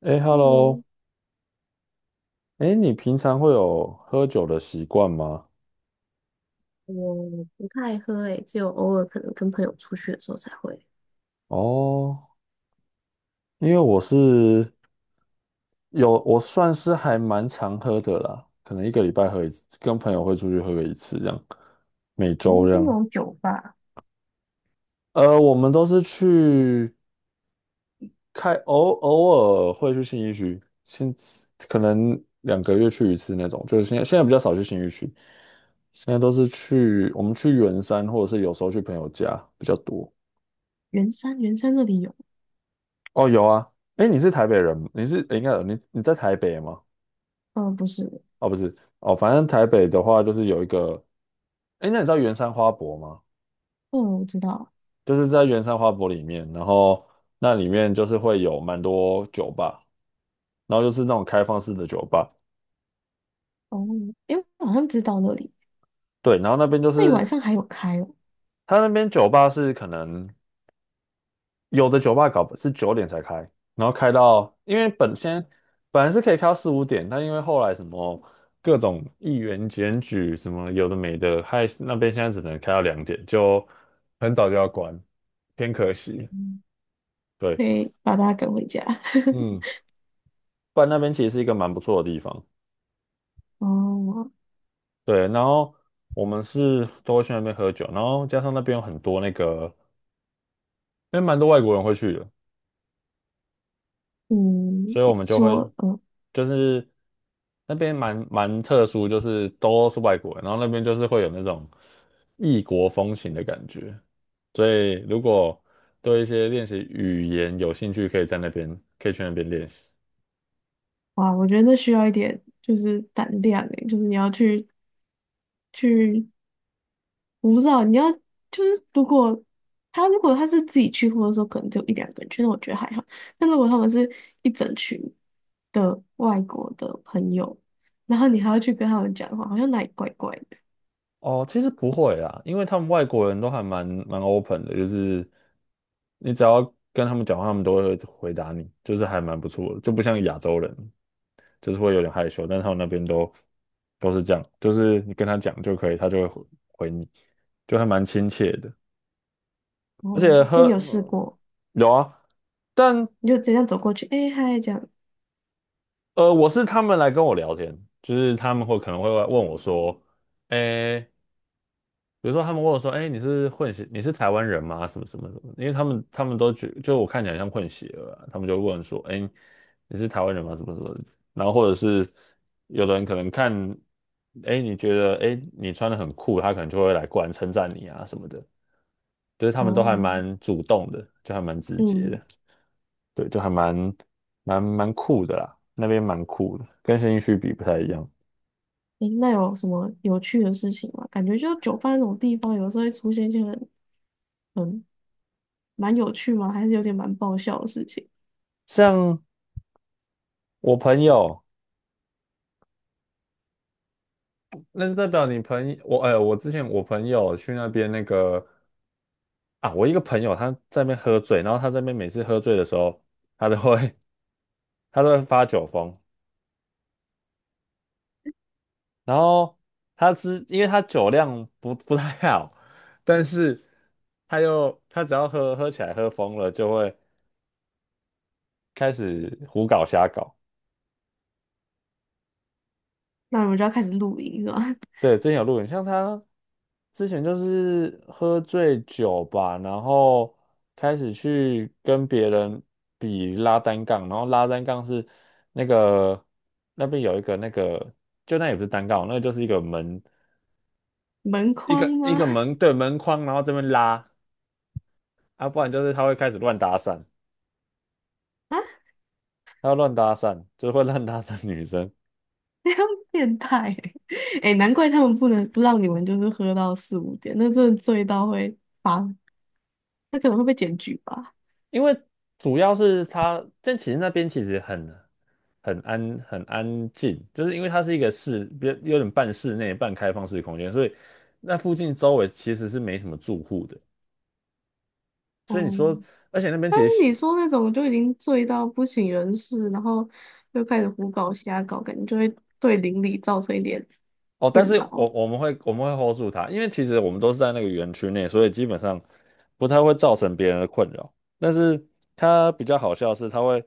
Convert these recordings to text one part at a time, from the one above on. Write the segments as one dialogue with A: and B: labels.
A: 哎
B: 嗯，
A: ，Hello。哎，你平常会有喝酒的习惯吗？
B: 我不太喝诶，只有偶尔可能跟朋友出去的时候才会。
A: 哦，因为我是有，我算是还蛮常喝的啦，可能一个礼拜喝一次，跟朋友会出去喝个一次这样，每
B: 我
A: 周
B: 们
A: 这
B: 这
A: 样。
B: 种酒吧，
A: 我们都是偶尔会去信义区，可能两个月去一次那种，就是现在比较少去信义区，现在都是我们去圆山，或者是有时候去朋友家比较多。
B: 圆山那里有，
A: 哦，有啊。哎，你是台北人吗？诶，应该有你在台北吗？
B: 呃，不是，
A: 哦，不是。哦，反正台北的话就是有一个，哎，那你知道圆山花博吗？
B: 嗯，我知道，
A: 就是在圆山花博里面，然后那里面就是会有蛮多酒吧，然后就是那种开放式的酒吧。
B: 哦，诶，我好像知道那里，
A: 对，然后那边就
B: 那里
A: 是
B: 晚上还有开哦，
A: 它那边酒吧是可能。有的酒吧搞是九点才开，然后开到，因为本来是可以开到四五点，但因为后来什么各种议员检举什么有的没的，害那边现在只能开到两点，就很早就要关，偏可惜。
B: 嗯，
A: 对，
B: 对，把大家赶回家。
A: 嗯，不然那边其实是一个蛮不错的地方。
B: 哦，
A: 对，然后我们是都会去那边喝酒，然后加上那边有很多那个，因为蛮多外国人会去的，
B: 嗯，
A: 所以我们就会
B: 说，嗯，
A: 就是那边蛮特殊，就是都是外国人，然后那边就是会有那种异国风情的感觉。所以如果对一些练习语言有兴趣，可以去那边练习。
B: 哇，我觉得那需要一点就是胆量诶，就是你要去去我不知道，你要就是如果他是自己去，或者说可能只有一两个人去，那我觉得还好。但如果他们是一整群的外国的朋友，然后你还要去跟他们讲话，好像哪里怪怪的。
A: 哦，其实不会啦，因为他们外国人都还蛮 open 的，就是你只要跟他们讲话，他们都会回答你，就是还蛮不错的，就不像亚洲人。就是会有点害羞，但他们那边都是这样，就是你跟他讲就可以，他就会回你，就还蛮亲切的。而
B: 哦，
A: 且
B: 所以
A: 喝，
B: 你有试
A: 嗯，
B: 过，
A: 有啊，但
B: 你就直接这样走过去，哎、嗨，这样。
A: 我是他们来跟我聊天，就是他们会可能会问我说，诶。比如说他们问我说：“哎，你是混血，你是台湾人吗？什么什么什么？”因为他们都觉就我看起来像混血儿啊，他们就问说：“哎，你是台湾人吗？什么什么的？”然后或者是有的人可能看，哎，你觉得哎你穿的很酷，他可能就会过来称赞你啊什么的，就是他们都还
B: 哦，
A: 蛮主动的，就还蛮直接
B: 嗯，
A: 的。对，就还蛮酷的啦，那边蛮酷的，跟新一区比不太一样。
B: 诶，那有什么有趣的事情吗？感觉就酒吧那种地方，有时候会出现一些很很蛮有趣吗？还是有点蛮爆笑的事情。
A: 像我朋友，那就代表你朋友，我哎、我之前我朋友去那边那个啊，我一个朋友他在那边喝醉，然后他在那边每次喝醉的时候，他都会 他都会发酒疯，然后他是因为他酒量不太好，但是他只要喝喝起来喝疯了，就会开始胡搞瞎搞。
B: 那我们就要开始录音了，
A: 对，之前有录影，像他之前就是喝醉酒吧，然后开始去跟别人比拉单杠，然后拉单杠是那个那边有一个那个，就那也不是单杠，那个就是一个门，
B: 门框
A: 一
B: 吗？
A: 个 门，对，门框，然后这边拉，啊，不然就是他会开始乱搭讪，
B: 啊？
A: 他会乱搭讪，就是会乱搭讪女生。
B: 变态欸！哎、难怪他们不能不让你们就是喝到四五点，那真的醉到会发，那可能会被检举吧。
A: 因为主要是它，但其实那边其实很安静，就是因为它是一个室，比较有点半室内半开放式空间，所以那附近周围其实是没什么住户的。所以你
B: 哦、
A: 说，而且那边其
B: 当
A: 实
B: 你
A: 是
B: 说那种就已经醉到不省人事，然后又开始胡搞瞎搞，感觉就会对邻里造成一点
A: 哦，但
B: 困
A: 是
B: 扰
A: 我们会 hold 住它，因为其实我们都是在那个园区内，所以基本上不太会造成别人的困扰。但是它比较好笑的是，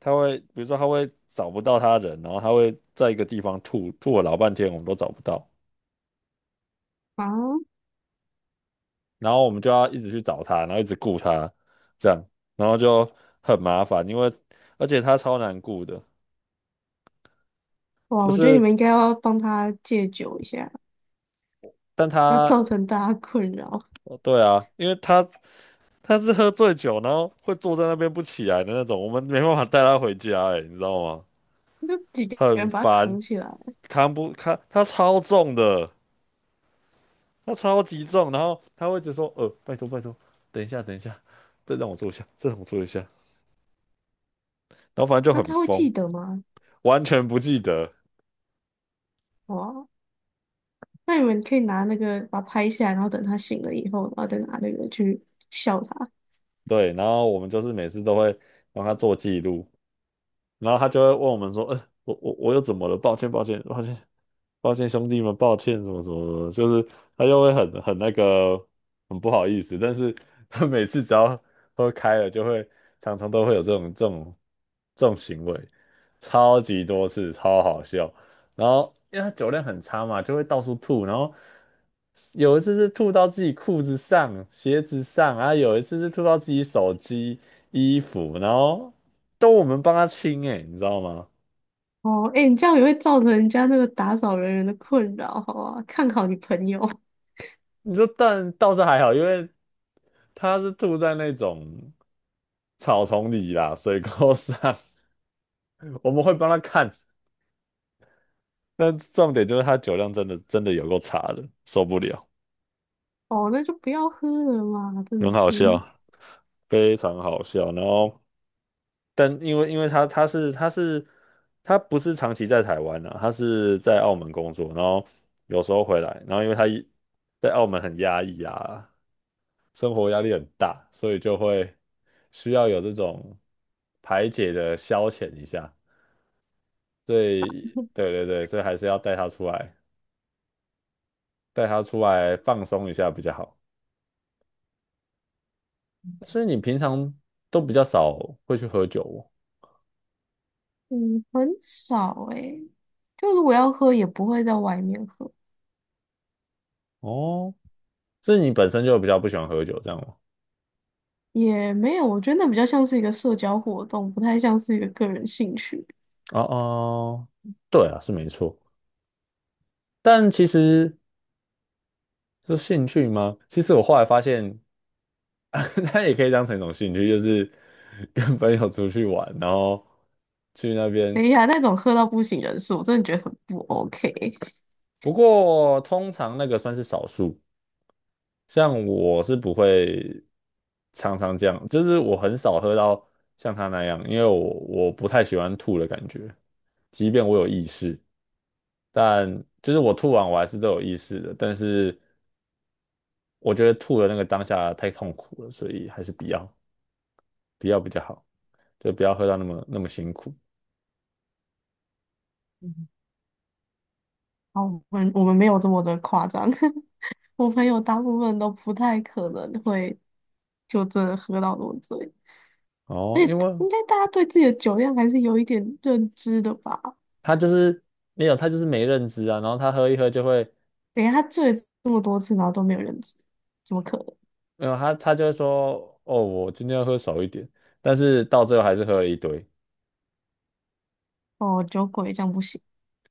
A: 它会比如说它会找不到它人，然后它会在一个地方吐了老半天，我们都找不到。
B: 啊！
A: 然后我们就要一直去找他，然后一直顾他，这样，然后就很麻烦，因为而且他超难顾的，
B: 哇，
A: 就
B: 我觉得你
A: 是
B: 们应该要帮他戒酒一下，
A: 但
B: 不要
A: 他，
B: 造成大家困扰。
A: 哦对啊，因为他是喝醉酒，然后会坐在那边不起来的那种，我们没办法带他回家，哎，你知道吗？
B: 就几个
A: 很
B: 人把他
A: 烦，
B: 扛起来，
A: 扛不扛？他超重的，他超级重，然后他会一直说，拜托拜托，等一下等一下，再让我坐一下，再让我坐一下，然后反正就
B: 那
A: 很
B: 他会
A: 疯，
B: 记得吗？
A: 完全不记得。
B: 哇，那你们可以拿那个把它拍下来，然后等他醒了以后，然后再拿那个去笑他。
A: 对，然后我们就是每次都会帮他做记录，然后他就会问我们说：我又怎么了？抱歉，抱歉，抱歉。”抱歉兄弟们，抱歉什么什么什么，就是他就会很那个很不好意思，但是 他每次只要喝开了，就会常常都会有这种行为，超级多次，超好笑。然后因为他酒量很差嘛，就会到处吐，然后有一次是吐到自己裤子上、鞋子上，然后有一次是吐到自己手机、衣服，然后都我们帮他清哎、你知道吗？
B: 哦，哎，你这样也会造成人家那个打扫人员的困扰，好啊，看好你朋友。
A: 你说但倒是还好，因为他是吐在那种草丛里啦，水沟上，我们会帮他看。但重点就是他酒量真的真的有够差的，受不了，
B: 哦，那就不要喝了嘛，真
A: 很
B: 的
A: 好
B: 是，
A: 笑，非常好笑。然后，但因为他不是长期在台湾啊，他是在澳门工作，然后有时候回来，然后因为他在澳门很压抑啊，生活压力很大，所以就会需要有这种排解的消遣一下。对对对对，所以还是要带他出来，带他出来放松一下比较好。所以你平常都比较少会去喝酒。
B: 嗯，很少诶，就如果要喝，也不会在外面喝，
A: 哦，哦，是你本身就比较不喜欢喝酒这样吗？
B: 也没有，我觉得那比较像是一个社交活动，不太像是一个个人兴趣。
A: 哦哦，对啊，是没错。但其实是兴趣吗？其实我后来发现，它也可以当成一种兴趣，就是 跟朋友出去玩，然后去那边。
B: 等一下，那种喝到不省人事，我真的觉得很不 OK。
A: 不过通常那个算是少数，像我是不会常常这样，就是我很少喝到像他那样，因为我不太喜欢吐的感觉，即便我有意识，但就是我吐完我还是都有意识的，但是我觉得吐的那个当下太痛苦了，所以还是不要比较好，就不要喝到那么那么辛苦。
B: 好，我们没有这么的夸张。我朋友大部分都不太可能会就真的喝到那么醉，
A: 哦，
B: 而
A: 因
B: 且
A: 为
B: 应该大家对自己的酒量还是有一点认知的吧？
A: 他就是没有，他就是没认知啊，然后他喝一喝就会，
B: 等一下他醉了这么多次，然后都没有认知，怎么可能？
A: 没有，他就会说，哦，我今天要喝少一点，但是到最后还是喝了一堆。
B: 哦，酒鬼这样不行。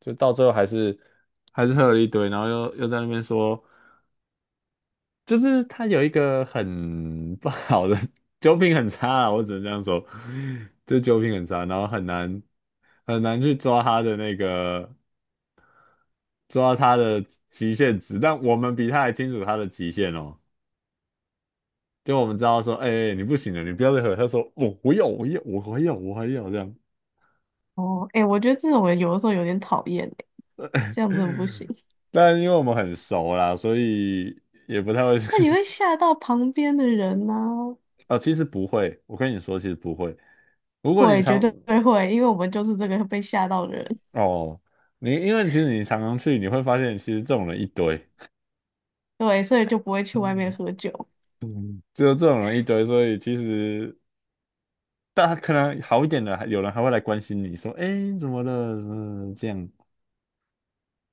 A: 就到最后还是喝了一堆，然后又在那边说，就是他有一个很不好的 酒品很差啊，我只能这样说，这酒品很差，然后很难去抓他的抓他的极限值，但我们比他还清楚他的极限哦，就我们知道说，哎、哎你不行了，你不要再喝，他说我我要我要我还要我还要这样。
B: 哦，哎、我觉得这种人有的时候有点讨厌欸，这样真的 不行。
A: 但因为我们很熟啦，所以也不太会
B: 那你会吓到旁边的人呢、
A: 哦，其实不会，我跟你说，其实不会，如果你
B: 会，绝
A: 常
B: 对会，因为我们就是这个被吓到的人，
A: 哦，你因为其实你常常去，你会发现其实这种人一堆。
B: 对，所以就不会去外面
A: 嗯
B: 喝酒。
A: 嗯，只有这种人一堆，所以其实大家可能好一点的，还有人还会来关心你说，哎，怎么了？嗯，这样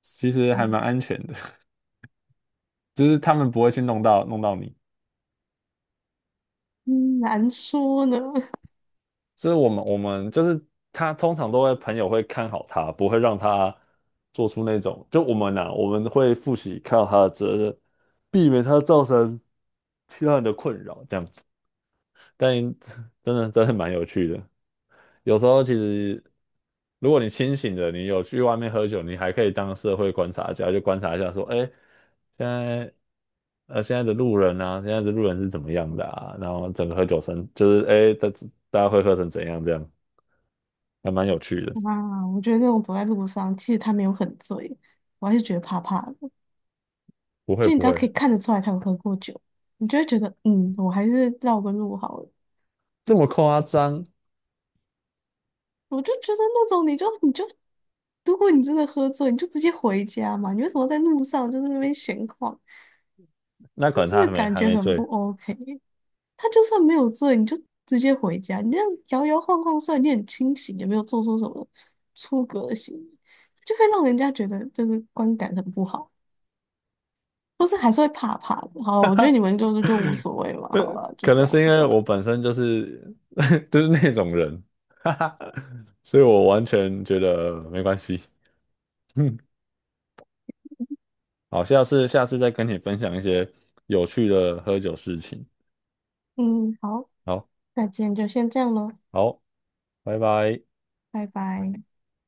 A: 其实还
B: 嗯，
A: 蛮安全的。就是他们不会去弄到你。
B: 嗯难说呢。
A: 就是我们就是他通常都会朋友会看好他，不会让他做出那种就我们会负起看好他的责任，避免他造成其他人的困扰，这样。但真的真的蛮有趣的。有时候其实，如果你清醒的，你有去外面喝酒，你还可以当社会观察家，就观察一下说，哎，现在现在的路人啊，现在的路人是怎么样的啊？然后整个喝酒声就是哎，大家会喝成怎样这样，还蛮有趣的。
B: 哇，我觉得那种走在路上，其实他没有很醉，我还是觉得怕怕的。
A: 不会
B: 就你
A: 不
B: 只要可
A: 会
B: 以看得出来他有喝过酒，你就会觉得，嗯，我还是绕个路好了。
A: 这么夸张，
B: 我就觉得那种你就你就，如果你真的喝醉，你就直接回家嘛，你为什么在路上就是那边闲逛？
A: 那可
B: 那
A: 能
B: 真
A: 他
B: 的感
A: 还
B: 觉
A: 没
B: 很
A: 醉，
B: 不 OK。他就算没有醉，你就直接回家，你这样摇摇晃晃，虽然你很清醒，也没有做出什么出格的行为，就会让人家觉得就是观感很不好。或是还是会怕怕的。好，我觉得你们就是就无所谓嘛，好了，就
A: 可
B: 这
A: 能
B: 样
A: 是因为
B: 算
A: 我
B: 了
A: 本身就是 就是那种人，哈哈，所以我完全觉得没关系。嗯，好，下次再跟你分享一些有趣的喝酒事情。
B: 嗯，好，
A: 好，
B: 那今天就先这样咯，
A: 好，拜拜。
B: 拜拜。